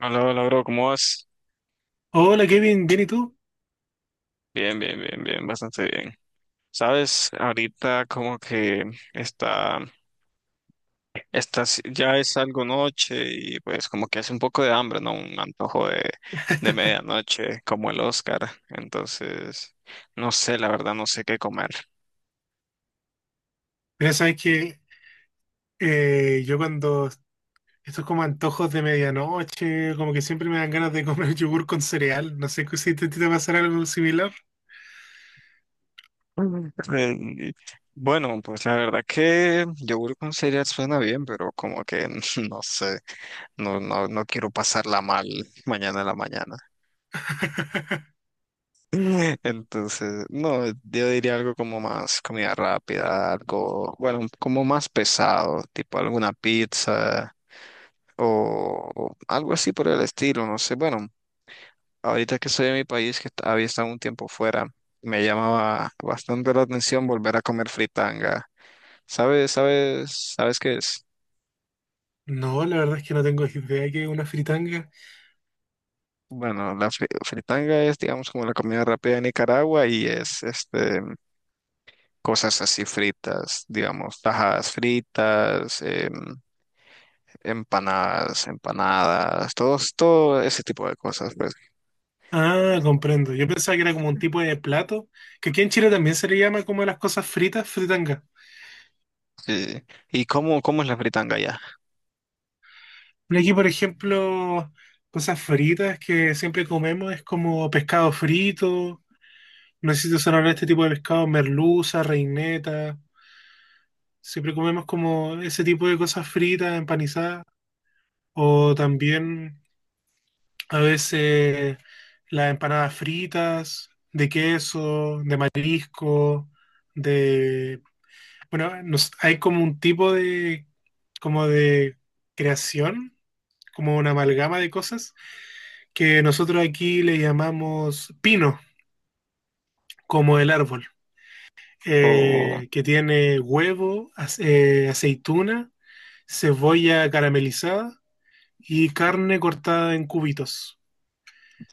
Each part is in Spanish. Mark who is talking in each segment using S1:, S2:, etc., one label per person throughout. S1: Hola, hola, bro, ¿cómo vas?
S2: Hola Kevin, ¿bien y tú?
S1: Bien, bien, bien, bien, bastante bien. Sabes, ahorita como que está, está, si- ya es algo noche y pues como que hace un poco de hambre, ¿no? Un antojo de medianoche, como el Oscar. Entonces, no sé, la verdad, no sé qué comer.
S2: Pero sabes que yo cuando estos como antojos de medianoche, como que siempre me dan ganas de comer yogur con cereal. No sé si te pasará algo similar.
S1: Mm. Eh, Bueno, pues la verdad que yogur con cereal suena bien, pero como que no sé, no quiero pasarla mal mañana en la mañana. Entonces, no, yo diría algo como más comida rápida, algo, bueno, como más pesado, tipo alguna pizza o algo así por el estilo, no sé. Bueno, ahorita que soy de mi país, había estado un tiempo fuera, me llamaba bastante la atención volver a comer fritanga. ¿Sabes qué es?
S2: No, la verdad es que no tengo idea que es una fritanga.
S1: Bueno, la fritanga es, digamos, como la comida rápida de Nicaragua y es, este, cosas así fritas, digamos, tajadas fritas, empanadas, todo ese tipo de cosas, pues.
S2: Ah, comprendo. Yo pensaba que era como un tipo de plato, que aquí en Chile también se le llama como las cosas fritas, fritanga.
S1: ¿Y, y cómo es la fritanga allá?
S2: Pero aquí, por ejemplo, cosas fritas que siempre comemos es como pescado frito. No sé si te suena hablar de este tipo de pescado, merluza, reineta. Siempre comemos como ese tipo de cosas fritas, empanizadas. O también a veces las empanadas fritas, de queso, de marisco, de. Bueno, hay como un tipo de, como de creación, como una amalgama de cosas, que nosotros aquí le llamamos pino, como el árbol,
S1: O,
S2: que tiene huevo, aceituna, cebolla caramelizada y carne cortada en cubitos.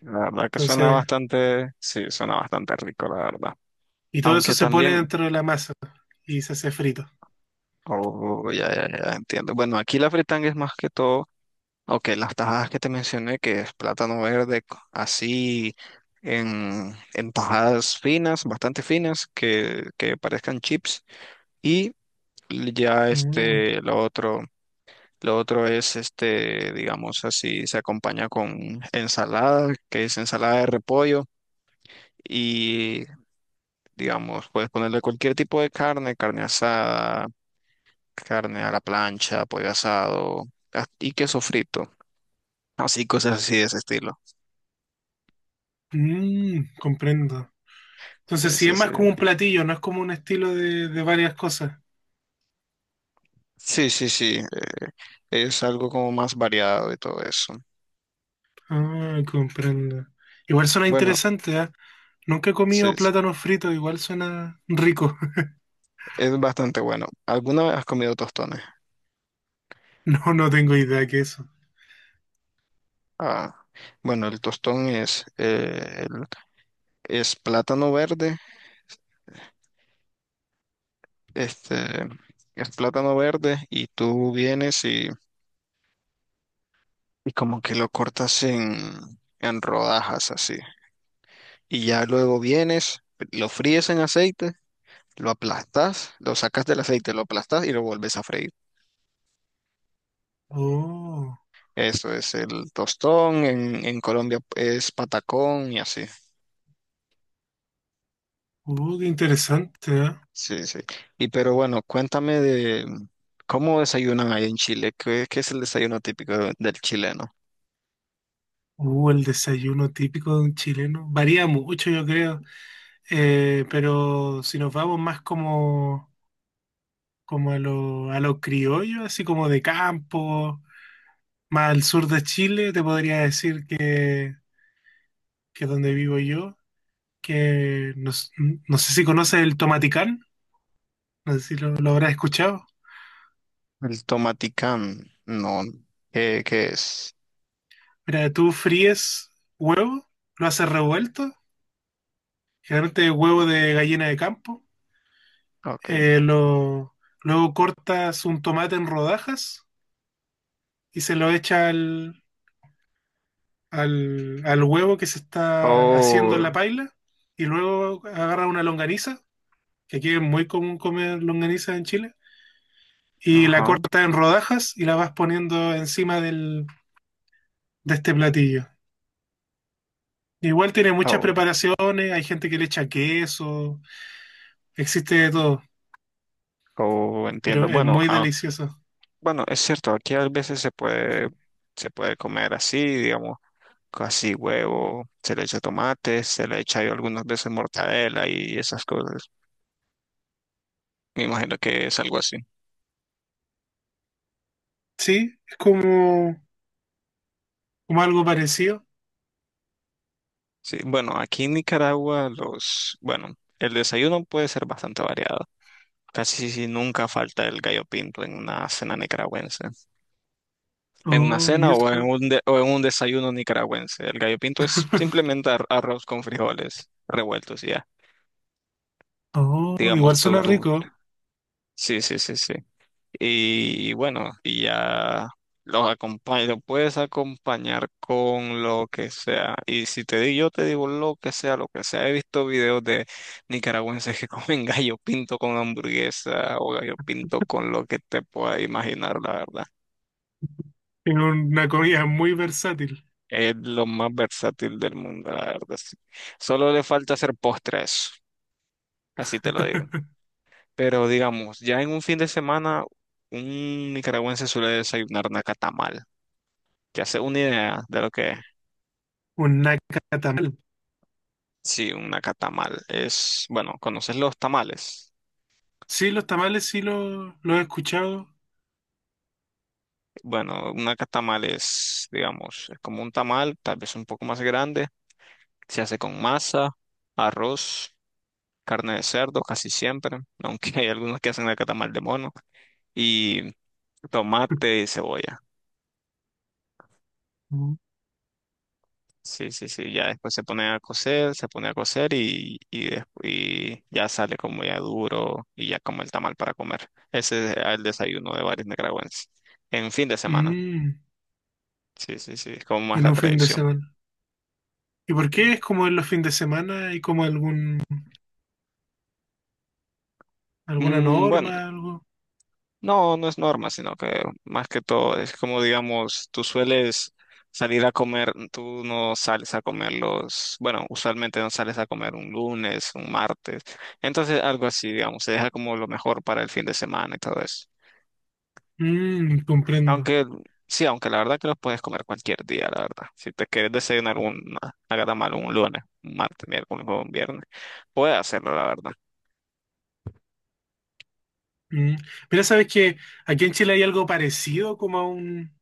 S1: la verdad que suena
S2: Entonces,
S1: bastante, sí, suena bastante rico, la verdad.
S2: y todo eso
S1: Aunque
S2: se pone
S1: también,
S2: dentro de la masa y se hace frito.
S1: oh, ya, entiendo. Bueno, aquí la fritanga es más que todo. Ok, las tajadas que te mencioné, que es plátano verde, así en tajadas finas, bastante finas, que parezcan chips. Y ya
S2: Mm.
S1: este, lo otro es este, digamos así, se acompaña con ensalada, que es ensalada de repollo. Y digamos, puedes ponerle cualquier tipo de carne, carne asada, carne a la plancha, pollo asado, y queso frito. Así, cosas así de ese estilo.
S2: Mm, comprendo. Entonces,
S1: Sí,
S2: sí es
S1: sí, sí.
S2: más como un platillo, no es como un estilo de varias cosas.
S1: Sí, sí, sí, es algo como más variado y todo eso.
S2: Ah, comprendo. Igual suena
S1: Bueno,
S2: interesante, ¿ah? Nunca he
S1: sí,
S2: comido
S1: es
S2: plátanos fritos, igual suena rico.
S1: es bastante bueno. ¿Alguna vez has comido tostones?
S2: No, no tengo idea que eso.
S1: Ah, bueno, el tostón es, el- es plátano verde, este, es plátano verde y tú vienes y como que lo cortas en rodajas así. Y ya luego vienes, lo fríes en aceite, lo aplastas, lo sacas del aceite, lo aplastas y lo vuelves a freír.
S2: Oh,
S1: Eso es el tostón, en Colombia es patacón y así.
S2: qué interesante, ¿ah?
S1: Sí, sí. Y pero bueno, cuéntame de cómo desayunan ahí en Chile. ¿Qué, qué es el desayuno típico del chileno?
S2: El desayuno típico de un chileno. Varía mucho, yo creo. Pero si nos vamos más como, como a lo criollo, así como de campo, más al sur de Chile, te podría decir que donde vivo yo, que no, no sé si conoces el tomaticán. No sé si lo habrás escuchado.
S1: El tomaticán, no. ¿Qué, qué es?
S2: Mira, tú fríes huevo, lo haces revuelto, generalmente huevo de gallina de campo.
S1: Ok.
S2: eh, lo, Luego cortas un tomate en rodajas y se lo echa al huevo que se está haciendo
S1: Oh,
S2: en la paila. Y luego agarra una longaniza, que aquí es muy común comer longaniza en Chile, y la
S1: ajá.
S2: cortas en rodajas y la vas poniendo encima del, de este platillo. Igual tiene muchas
S1: Oh,
S2: preparaciones, hay gente que le echa queso, existe de todo,
S1: oh,
S2: pero
S1: entiendo.
S2: es
S1: Bueno,
S2: muy
S1: ah,
S2: delicioso.
S1: bueno, es cierto, aquí a veces se puede comer así, digamos, casi huevo, se le echa tomate, se le echa yo algunas veces mortadela y esas cosas. Me imagino que es algo así.
S2: Sí, es como, como algo parecido.
S1: Sí, bueno, aquí en Nicaragua los, bueno, el desayuno puede ser bastante variado. Casi si nunca falta el gallo pinto en una cena nicaragüense. En una
S2: Oh, y
S1: cena o en
S2: eso.
S1: un, o en un desayuno nicaragüense. El gallo pinto es simplemente arroz con frijoles revueltos y ya.
S2: Oh,
S1: Digamos,
S2: igual
S1: tú,
S2: suena
S1: tú,
S2: rico.
S1: sí, sí, sí, sí. Y bueno, y ya los acompaño, lo puedes acompañar con lo que sea. Y si te digo, yo te digo lo que sea, lo que sea. He visto videos de nicaragüenses que comen gallo pinto con hamburguesa o gallo pinto con lo que te puedas imaginar, la verdad.
S2: Es una comida muy versátil.
S1: Es lo más versátil del mundo, la verdad. Sí. Solo le falta hacer postres, así te lo digo. Pero digamos, ya en un fin de semana, un nicaragüense suele desayunar nacatamal. Que hace una idea de lo que es.
S2: Un nacatamal.
S1: Sí, una catamal es, bueno, ¿conoces los tamales?
S2: Sí, los tamales sí los he escuchado.
S1: Bueno, una catamal es, digamos, es como un tamal, tal vez un poco más grande. Se hace con masa, arroz, carne de cerdo, casi siempre, aunque hay algunos que hacen la catamal de mono, y tomate y cebolla. Sí, sí, sí, ya después se pone a cocer, se pone a cocer y, y ya sale como ya duro y ya como el tamal para comer. Ese es el desayuno de varios nicaragüenses en fin de semana.
S2: Mm,
S1: Sí, sí, sí, es como más
S2: en
S1: la
S2: un fin de
S1: tradición.
S2: semana. ¿Y por
S1: Sí.
S2: qué es como en los fines de semana? ¿Hay como algún, alguna
S1: Mm, bueno,
S2: norma, algo?
S1: no es norma, sino que más que todo es como, digamos, tú sueles salir a comer, tú no sales a comer los, bueno, usualmente no sales a comer un lunes, un martes, entonces algo así, digamos, se deja como lo mejor para el fin de semana y todo eso.
S2: Mm, comprendo.
S1: Aunque, sí, aunque la verdad que los puedes comer cualquier día, la verdad. Si te quieres desayunar un, haga mal un lunes, un martes, miércoles o un viernes, puedes hacerlo, la verdad.
S2: Mm. Mira, sabes que aquí en Chile hay algo parecido como a un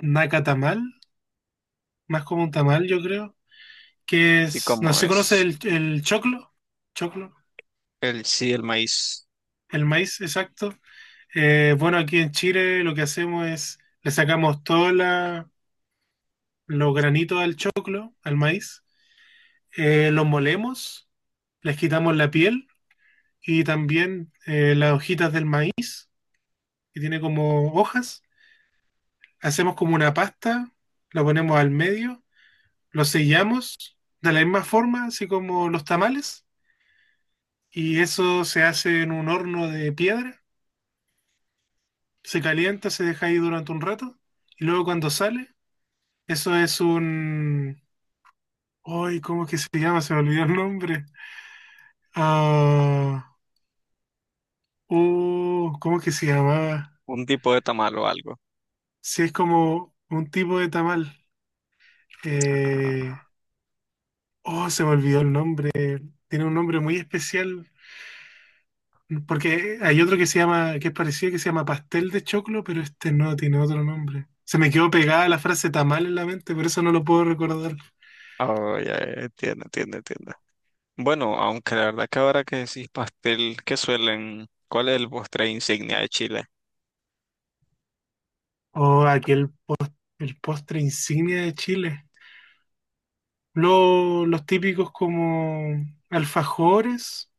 S2: nacatamal, más como un tamal, yo creo, que
S1: ¿Y
S2: es, no
S1: como
S2: sé si conoces
S1: es?
S2: el choclo, choclo,
S1: El sí, el maíz.
S2: el maíz, exacto. Bueno, aquí en Chile lo que hacemos es, le sacamos todos los granitos al choclo, al maíz, los molemos, les quitamos la piel y también las hojitas del maíz, que tiene como hojas, hacemos como una pasta, la ponemos al medio, lo sellamos de la misma forma, así como los tamales, y eso se hace en un horno de piedra, se calienta, se deja ahí durante un rato, y luego cuando sale, eso es un... ¡Ay, cómo es que se llama! Se me olvidó el nombre. Ah, ¿cómo es que se llamaba?
S1: Un tipo de tamal o algo.
S2: Si es como un tipo de tamal. Eh,
S1: Ah,
S2: oh, se me olvidó el nombre. Tiene un nombre muy especial. Porque hay otro que se llama, que es parecido, que se llama pastel de choclo, pero este no tiene otro nombre. Se me quedó pegada la frase tamal en la mente, por eso no lo puedo recordar.
S1: oh, ya, entiendo. Bueno, aunque la verdad que ahora que decís pastel, ¿qué suelen? ¿Cuál es el postre insignia de Chile?
S2: O aquel, el postre insignia de Chile. Los típicos como alfajores,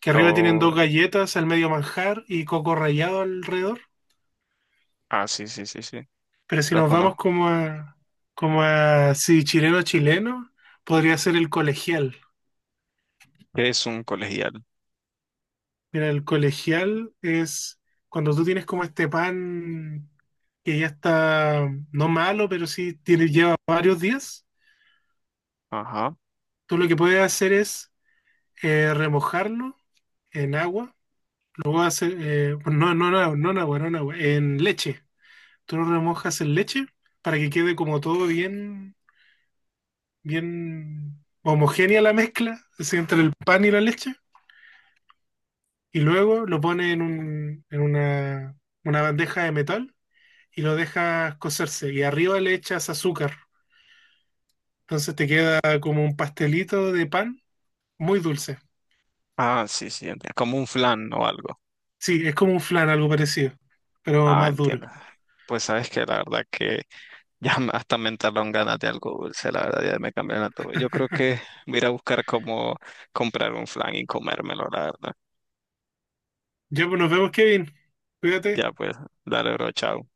S2: que arriba tienen
S1: Oh,
S2: dos galletas, al medio manjar y coco rallado alrededor.
S1: ah, sí, sí, sí, sí.
S2: Pero si
S1: Lo
S2: nos vamos
S1: conozco.
S2: sí, chileno chileno, podría ser el colegial.
S1: ¿Qué es un colegial?
S2: Mira, el colegial es cuando tú tienes como este pan que ya está no malo, pero sí tiene, lleva varios días.
S1: Ajá.
S2: Tú lo que puedes hacer es remojarlo en agua, luego hacer, bueno, no, no, no, no en agua, no en agua, en leche. Tú lo remojas en leche para que quede como todo bien, bien homogénea la mezcla así, entre el pan y la leche. Y luego lo pones en un, en una bandeja de metal y lo dejas cocerse y arriba le echas azúcar. Entonces te queda como un pastelito de pan muy dulce.
S1: Ah, sí, sí, entiendo. Como un flan o algo.
S2: Sí, es como un flan, algo parecido, pero
S1: Ah,
S2: más duro.
S1: entiendo. Pues sabes que la verdad que hasta me entraron ganas de algo dulce, la verdad ya me cambiaron todo. Yo creo que voy a ir a buscar cómo comprar un flan y comérmelo, la verdad.
S2: Ya pues nos vemos, Kevin. Cuídate.
S1: Ya pues, dale, bro, chao.